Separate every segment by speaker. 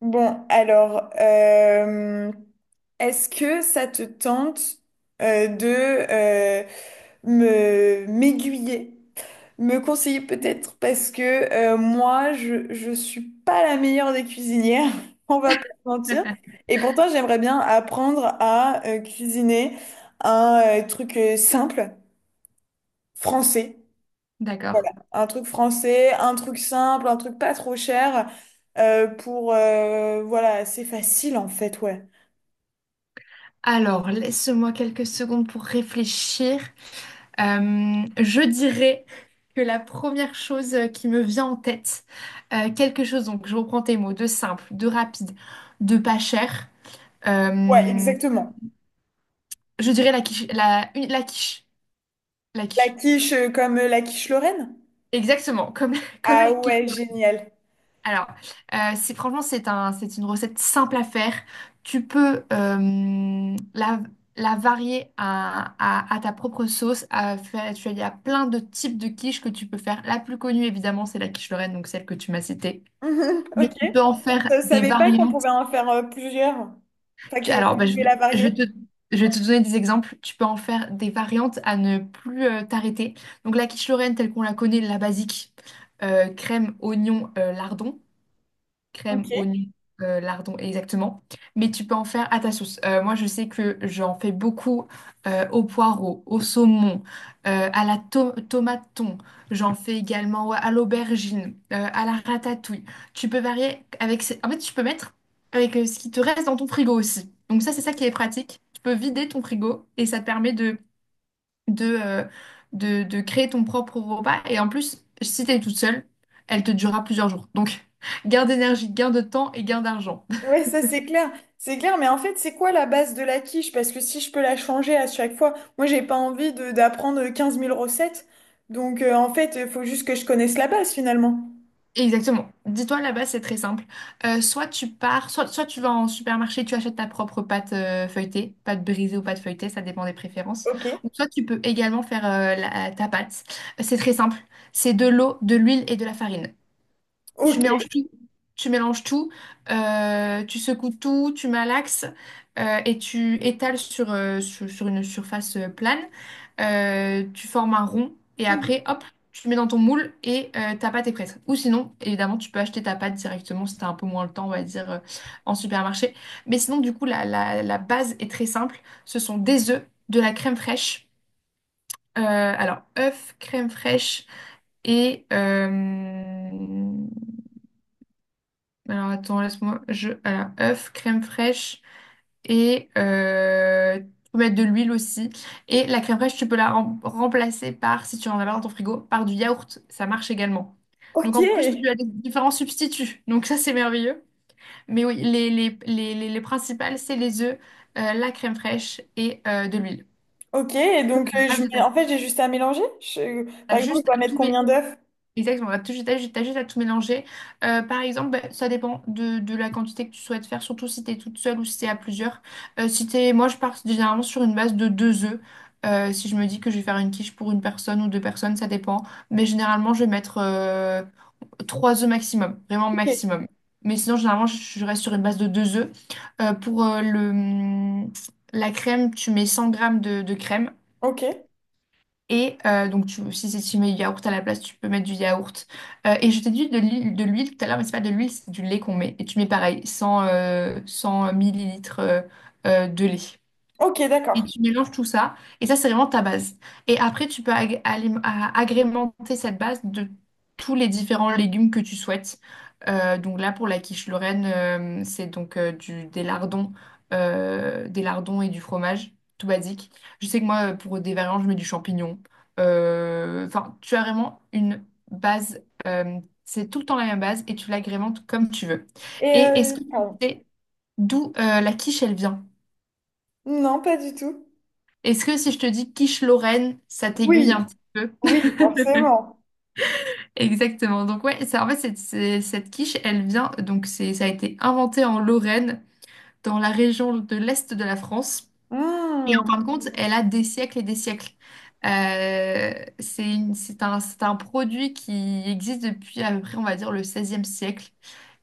Speaker 1: Bon, alors, euh, Est-ce que ça te tente de euh, me m'aiguiller, me conseiller peut-être parce que moi, je suis pas la meilleure des cuisinières, on va pas se mentir. Et pourtant, j'aimerais bien apprendre à cuisiner un truc simple français. Voilà,
Speaker 2: D'accord.
Speaker 1: un truc français, un truc simple, un truc pas trop cher pour voilà, c'est facile en fait, ouais.
Speaker 2: Alors, laisse-moi quelques secondes pour réfléchir. Je dirais que la première chose qui me vient en tête, quelque chose, donc je reprends tes mots, de simple, de rapide, de pas cher,
Speaker 1: Ouais,
Speaker 2: euh,
Speaker 1: exactement.
Speaker 2: je dirais la quiche, la
Speaker 1: La
Speaker 2: quiche.
Speaker 1: quiche comme la quiche Lorraine?
Speaker 2: Exactement, comme, comme
Speaker 1: Ah
Speaker 2: la quiche.
Speaker 1: ouais, génial.
Speaker 2: Alors, c'est franchement, c'est un, c'est une recette simple à faire. Tu peux la varier à, à ta propre sauce. À faire, tu as- Il y a plein de types de quiches que tu peux faire. La plus connue, évidemment, c'est la quiche Lorraine, donc celle que tu m'as citée.
Speaker 1: Mhm,
Speaker 2: Mais
Speaker 1: ok.
Speaker 2: tu peux en faire
Speaker 1: Je
Speaker 2: des
Speaker 1: savais pas qu'on
Speaker 2: variantes.
Speaker 1: pouvait en faire plusieurs. Enfin,
Speaker 2: Tu-
Speaker 1: que
Speaker 2: Alors,
Speaker 1: vous
Speaker 2: bah, je,
Speaker 1: pouvez la
Speaker 2: vais je vais
Speaker 1: varier.
Speaker 2: te, je vais te donner des exemples. Tu peux en faire des variantes à ne plus t'arrêter. Donc, la quiche Lorraine, telle qu'on la connaît, la basique, crème, oignon, lardon. Crème,
Speaker 1: Ok.
Speaker 2: oignon, lardon, exactement. Mais tu peux en faire à ta sauce. Moi, je sais que j'en fais beaucoup au poireau, au saumon, euh, à la tomate thon. J'en fais également ouais, à l'aubergine, à la ratatouille. Tu peux varier avec en fait, tu peux mettre avec ce qui te reste dans ton frigo aussi. Donc ça, c'est ça qui est pratique. Tu peux vider ton frigo et ça te permet de, euh, de créer ton propre repas. Et en plus, si t'es toute seule, elle te durera plusieurs jours. Donc, gain d'énergie, gain de temps et gain d'argent.
Speaker 1: Ouais, ça c'est clair. C'est clair, mais en fait, c'est quoi la base de la quiche? Parce que si je peux la changer à chaque fois, moi j'ai pas envie de d'apprendre 15 000 recettes. Donc en fait, il faut juste que je connaisse la base finalement.
Speaker 2: Exactement. Dis-toi, là-bas, c'est très simple. Soit tu pars, soit tu vas en supermarché, tu achètes ta propre pâte pâte brisée ou pâte feuilletée, ça dépend des préférences.
Speaker 1: Ok.
Speaker 2: Ou soit tu peux également faire ta pâte. C'est très simple. C'est de l'eau, de l'huile et de la farine. Tu
Speaker 1: Ok.
Speaker 2: mélanges tout. Tu mélanges tout, tu secoues tout, tu malaxes et tu étales sur une surface plane. Tu formes un rond et
Speaker 1: Mhm.
Speaker 2: après, hop, tu le mets dans ton moule et ta pâte est prête. Ou sinon, évidemment, tu peux acheter ta pâte directement si tu as un peu moins le temps, on va dire, en supermarché. Mais sinon, du coup, la base est très simple. Ce sont des œufs, de la crème fraîche. Alors, œufs, crème fraîche et alors attends, laisse-moi. Je... Alors, œuf, crème fraîche et tu peux mettre de l'huile aussi. Et la crème fraîche, tu peux remplacer par, si tu en as pas dans ton frigo, par du yaourt. Ça marche également. Donc
Speaker 1: Ok.
Speaker 2: en plus, tu as des différents substituts. Donc ça, c'est merveilleux. Mais oui, les principales, c'est les œufs, la crème fraîche et de l'huile.
Speaker 1: Ok. Et donc
Speaker 2: Pas
Speaker 1: je
Speaker 2: de
Speaker 1: mets...
Speaker 2: taille.
Speaker 1: en fait, j'ai juste à mélanger. Par
Speaker 2: T'as
Speaker 1: exemple, je
Speaker 2: juste
Speaker 1: dois
Speaker 2: à
Speaker 1: mettre
Speaker 2: tout, mé-
Speaker 1: combien d'œufs?
Speaker 2: Exactement, t'as juste à tout mélanger. Par exemple, bah, ça dépend de la quantité que tu souhaites faire, surtout si t'es toute seule ou si t'es à plusieurs. Si t'es, Moi, je pars généralement sur une base de 2 œufs. Si je me dis que je vais faire une quiche pour une personne ou deux personnes, ça dépend. Mais généralement, je vais mettre 3 œufs maximum, vraiment
Speaker 1: Ok.
Speaker 2: maximum. Mais sinon, généralement, je reste sur une base de deux œufs. Pour la crème, tu mets 100 grammes de crème.
Speaker 1: Ok,
Speaker 2: Et donc, tu, si, si tu mets du yaourt à la place, tu peux mettre du yaourt. Et je t'ai dit de l'huile tout à l'heure, mais c'est pas de l'huile, c'est du lait qu'on met. Et tu mets pareil, 100 millilitres de lait.
Speaker 1: ok,
Speaker 2: Et
Speaker 1: d'accord.
Speaker 2: tu mélanges tout ça. Et ça, c'est vraiment ta base. Et après, tu peux agrémenter cette base de tous les différents légumes que tu souhaites. Donc là, pour la quiche Lorraine, c'est donc des lardons et du fromage, tout basique. Je sais que moi, pour des variantes je mets du champignon. Enfin, tu as vraiment une base. C'est tout le temps la même base et tu l'agrémentes comme tu veux.
Speaker 1: Et
Speaker 2: Et est-ce que tu
Speaker 1: pardon.
Speaker 2: sais d'où la quiche, elle vient?
Speaker 1: Non, pas du tout.
Speaker 2: Est-ce que si je te dis quiche Lorraine, ça t'aiguille un
Speaker 1: Oui,
Speaker 2: petit peu?
Speaker 1: oui, forcément.
Speaker 2: Exactement. Donc ouais, ça, en fait, cette quiche, elle vient, ça a été inventé en Lorraine, dans la région de l'Est de la France. Et en
Speaker 1: Hmm.
Speaker 2: fin de compte, elle a des siècles et des siècles. C'est un produit qui existe depuis à peu près, on va dire, le 16e siècle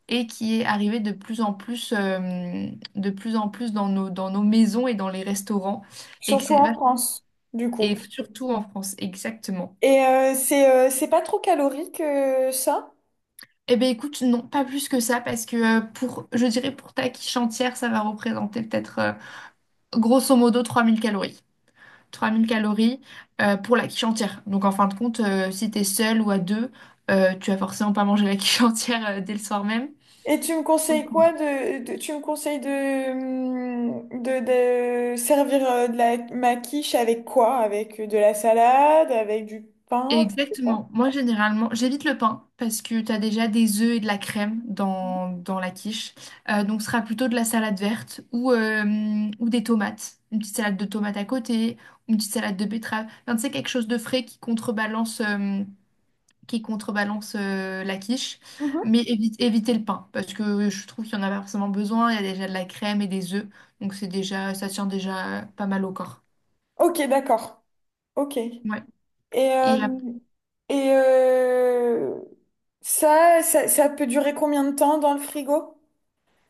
Speaker 2: et qui est arrivé de plus en plus, de plus en plus dans dans nos maisons et dans les restaurants. Et, que
Speaker 1: Surtout
Speaker 2: c'est
Speaker 1: en
Speaker 2: vach-
Speaker 1: France, du coup.
Speaker 2: et surtout en France, exactement.
Speaker 1: Et c'est pas trop calorique ça?
Speaker 2: Eh bien, écoute, non, pas plus que ça, parce que je dirais pour ta quiche entière, ça va représenter peut-être grosso modo 3000 calories. 3000 calories pour la quiche entière. Donc, en fin de compte, si t'es seul ou à deux, tu vas forcément pas manger la quiche entière dès le soir même.
Speaker 1: Et tu me conseilles quoi tu me conseilles de de servir de la ma quiche avec quoi? Avec de la salade, avec du pain, je sais pas.
Speaker 2: Exactement. Moi, généralement, j'évite le pain parce que tu as déjà des œufs et de la crème dans la quiche. Donc, ce sera plutôt de la salade verte ou ou des tomates. Une petite salade de tomates à côté, une petite salade de betterave. Enfin, tu sais, quelque chose de frais qui contrebalance la quiche.
Speaker 1: Mhm.
Speaker 2: Mais éviter le pain parce que je trouve qu'il n'y en a pas forcément besoin. Il y a déjà de la crème et des œufs. Donc, c'est déjà, ça tient déjà pas mal au corps.
Speaker 1: Ok, d'accord. Ok. Et
Speaker 2: Ouais. Et
Speaker 1: euh,
Speaker 2: après,
Speaker 1: et ça peut durer combien de temps dans le frigo?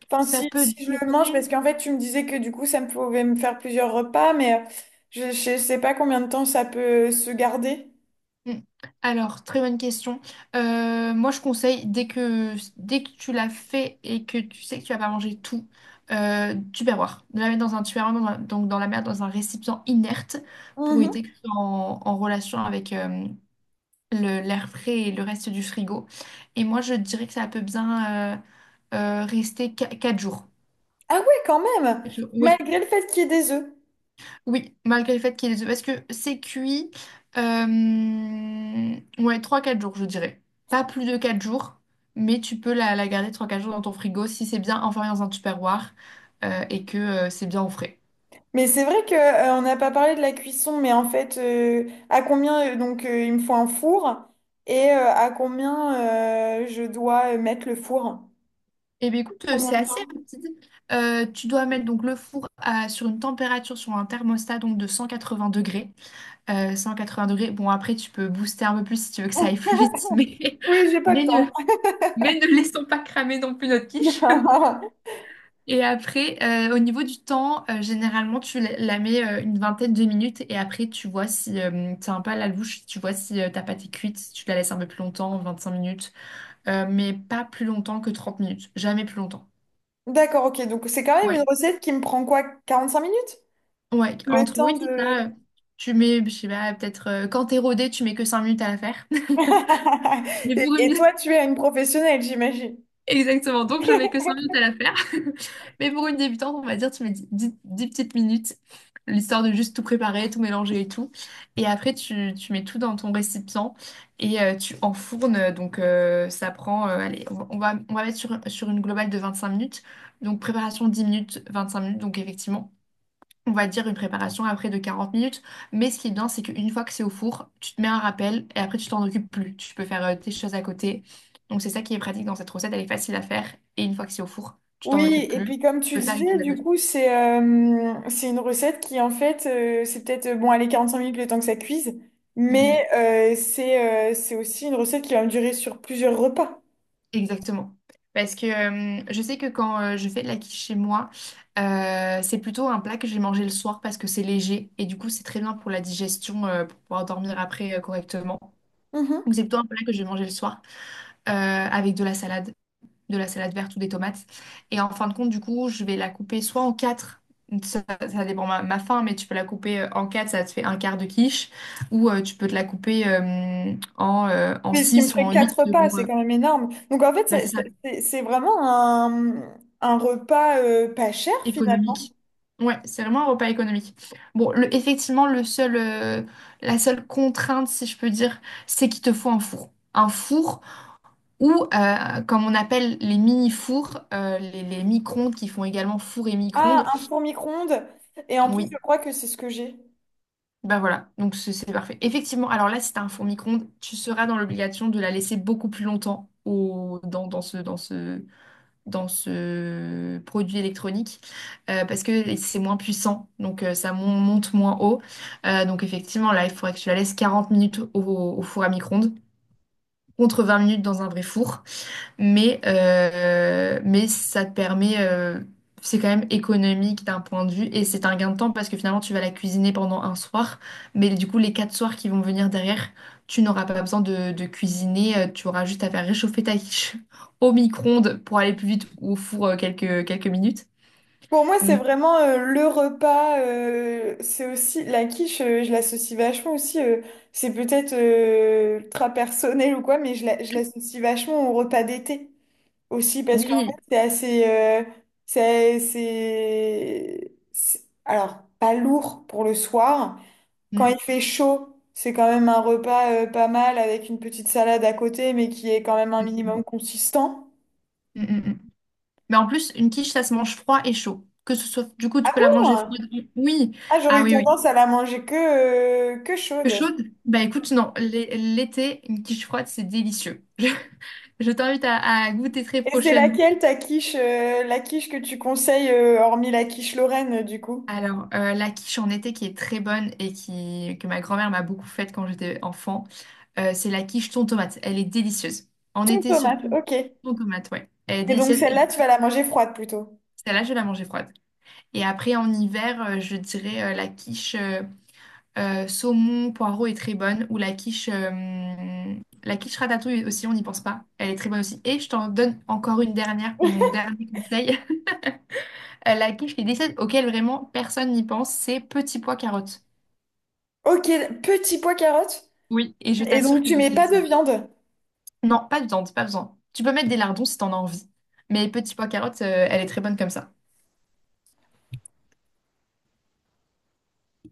Speaker 1: Enfin,
Speaker 2: ça peut
Speaker 1: si je le mange,
Speaker 2: durer.
Speaker 1: parce qu'en fait, tu me disais que du coup, ça me pouvait me faire plusieurs repas, mais je sais pas combien de temps ça peut se garder.
Speaker 2: Mm. Alors, très bonne question. Moi, je conseille, dès que tu l'as fait et que tu sais que tu vas pas manger tout, tupperware. De la mettre dans un tupperware, donc dans un récipient inerte pour
Speaker 1: Mhm.
Speaker 2: éviter que ce soit en, en relation avec l'air frais et le reste du frigo. Et moi, je dirais que ça peut bien rester 4 jours.
Speaker 1: Ah ouais, quand même,
Speaker 2: Oui,
Speaker 1: malgré le fait qu'il y ait des œufs.
Speaker 2: oui, malgré le fait qu'il est ait parce que c'est cuit, ouais, 3 4 jours, je dirais. Pas plus de 4 jours, mais tu peux la garder 3 4 jours dans ton frigo si c'est bien enfermé dans un tupperware et que c'est bien au frais.
Speaker 1: Mais c'est vrai que on n'a pas parlé de la cuisson, mais en fait, à combien donc il me faut un four et à combien je dois mettre le four?
Speaker 2: Eh bien, écoute,
Speaker 1: Combien
Speaker 2: c'est
Speaker 1: de
Speaker 2: assez
Speaker 1: temps?
Speaker 2: rapide. Tu dois mettre donc le four sur une température, sur un thermostat donc de 180 degrés. 180 degrés, bon, après, tu peux booster un peu plus si tu veux que ça aille plus vite,
Speaker 1: Oui, j'ai pas
Speaker 2: mais,
Speaker 1: le
Speaker 2: ne,
Speaker 1: temps.
Speaker 2: mais ne laissons pas cramer non plus notre quiche. Et après, au niveau du temps, généralement, tu la mets une vingtaine de minutes et après, tu vois si t'as un peu à la louche, tu vois si ta pâte est cuite, si tu la laisses un peu plus longtemps, 25 minutes. Mais pas plus longtemps que 30 minutes, jamais plus longtemps.
Speaker 1: D'accord, ok. Donc c'est quand même une
Speaker 2: Ouais,
Speaker 1: recette qui me prend quoi, 45 minutes?
Speaker 2: ouais,
Speaker 1: Le
Speaker 2: entre
Speaker 1: temps
Speaker 2: oui, c'est
Speaker 1: de...
Speaker 2: ça, tu mets, je sais pas, peut-être quand t'es rodé, tu mets que 5 minutes à la faire. Mais
Speaker 1: Et
Speaker 2: pour une,
Speaker 1: toi, tu es une professionnelle, j'imagine.
Speaker 2: Exactement, donc je mets que 5 minutes à la faire. Mais pour une débutante, on va dire, tu mets 10 petites minutes, l'histoire de juste tout préparer, tout mélanger et tout. Et après, tu mets tout dans ton récipient et tu enfournes. Donc ça prend, allez, on va mettre sur, sur une globale de 25 minutes. Donc préparation 10 minutes, 25 minutes, donc effectivement on va dire une préparation après de 40 minutes. Mais ce qui est bien, c'est qu'une fois que c'est au four, tu te mets un rappel et après tu t'en occupes plus. Tu peux faire tes choses à côté. Donc c'est ça qui est pratique dans cette recette, elle est facile à faire. Et une fois que c'est au four, tu t'en
Speaker 1: Oui,
Speaker 2: occupes
Speaker 1: et
Speaker 2: plus.
Speaker 1: puis
Speaker 2: Tu
Speaker 1: comme tu
Speaker 2: peux faire une
Speaker 1: disais,
Speaker 2: chose à
Speaker 1: du
Speaker 2: côté.
Speaker 1: coup, c'est une recette qui, en fait, c'est peut-être, bon, allez, 5 minutes le temps que ça cuise, mais
Speaker 2: Mm,
Speaker 1: c'est aussi une recette qui va me durer sur plusieurs repas.
Speaker 2: exactement. Parce que je sais que quand je fais de la quiche chez moi, c'est plutôt un plat que je vais manger le soir parce que c'est léger et du coup c'est très bien pour la digestion, pour pouvoir dormir après correctement. Donc
Speaker 1: Mhm.
Speaker 2: c'est plutôt un plat que je vais manger le soir avec de la salade. De la salade verte ou des tomates. Et en fin de compte, du coup, je vais la couper soit en quatre, ça dépend ma faim, mais tu peux la couper en quatre, ça te fait un quart de quiche, ou tu peux te la couper en
Speaker 1: Mais ce qui me
Speaker 2: six ou
Speaker 1: ferait
Speaker 2: en
Speaker 1: quatre
Speaker 2: huit,
Speaker 1: repas,
Speaker 2: selon,
Speaker 1: c'est quand même énorme. Donc en fait,
Speaker 2: bah, c'est ça,
Speaker 1: c'est vraiment un repas pas cher, finalement.
Speaker 2: économique. Ouais, c'est vraiment un repas économique. Bon, effectivement, la seule contrainte, si je peux dire, c'est qu'il te faut un four. Un four ou, comme on appelle les mini-fours, euh, les micro-ondes qui font également four et micro-ondes.
Speaker 1: Ah, un four micro-ondes. Et en plus, je
Speaker 2: Oui.
Speaker 1: crois que c'est ce que j'ai.
Speaker 2: Bah voilà, donc c'est parfait. Effectivement, alors là, si t'as un four micro-ondes, tu seras dans l'obligation de la laisser beaucoup plus longtemps au, dans, dans ce, dans ce, dans ce produit électronique parce que c'est moins puissant, donc ça monte moins haut. Donc effectivement, là, il faudrait que tu la laisses 40 minutes au four à micro-ondes contre 20 minutes dans un vrai four. Mais ça te permet, c'est quand même économique d'un point de vue et c'est un gain de temps parce que finalement tu vas la cuisiner pendant un soir, mais du coup les quatre soirs qui vont venir derrière, tu n'auras pas besoin de cuisiner, tu auras juste à faire réchauffer ta quiche au micro-ondes pour aller plus vite ou au four quelques minutes.
Speaker 1: Pour moi, c'est
Speaker 2: Mais
Speaker 1: vraiment le repas. C'est aussi la quiche, je l'associe vachement aussi. C'est peut-être ultra personnel ou quoi, mais je l'associe vachement au repas d'été aussi parce qu'en
Speaker 2: oui.
Speaker 1: fait, c'est assez. Alors, pas lourd pour le soir. Quand il
Speaker 2: Mm.
Speaker 1: fait chaud, c'est quand même un repas pas mal avec une petite salade à côté, mais qui est quand même un
Speaker 2: Mm,
Speaker 1: minimum consistant.
Speaker 2: mm, mm. Mais en plus, une quiche, ça se mange froid et chaud. Que ce soit, du coup,
Speaker 1: Ah
Speaker 2: tu peux la manger
Speaker 1: bon?
Speaker 2: froide. Oui.
Speaker 1: Ah, j'aurais
Speaker 2: Ah
Speaker 1: eu
Speaker 2: oui, oui.
Speaker 1: tendance à la manger que
Speaker 2: Peu
Speaker 1: chaude.
Speaker 2: chaude? Bah écoute, non, l'été, une quiche froide, c'est délicieux. Je t'invite à goûter très
Speaker 1: Et c'est
Speaker 2: prochainement.
Speaker 1: laquelle ta quiche, la quiche que tu conseilles, hormis la quiche Lorraine, du coup?
Speaker 2: Alors, la quiche en été qui est très bonne et que ma grand-mère m'a beaucoup faite quand j'étais enfant, c'est la quiche thon tomate. Elle est délicieuse. En
Speaker 1: Ton
Speaker 2: été
Speaker 1: tomate,
Speaker 2: surtout,
Speaker 1: ok.
Speaker 2: thon tomate, ouais. Elle est
Speaker 1: Et donc
Speaker 2: délicieuse et
Speaker 1: celle-là, tu vas la manger froide plutôt.
Speaker 2: celle-là, je vais la manger froide. Et après, en hiver, je dirais euh, la quiche saumon, poireau est très bonne. Ou la quiche ratatouille aussi, on n'y pense pas. Elle est très bonne aussi. Et je t'en donne encore une dernière pour mon dernier conseil. La quiche qui est délicieuse, auquel vraiment personne n'y pense, c'est petit pois carottes.
Speaker 1: Ok, petit pois carotte.
Speaker 2: Oui. Et je
Speaker 1: Et
Speaker 2: t'assure
Speaker 1: donc tu
Speaker 2: qu'elle est
Speaker 1: mets pas de
Speaker 2: délicieuse.
Speaker 1: viande.
Speaker 2: Non, pas de viande, pas besoin. Tu peux mettre des lardons si t'en as envie. Mais petit pois carottes, elle est très bonne comme ça.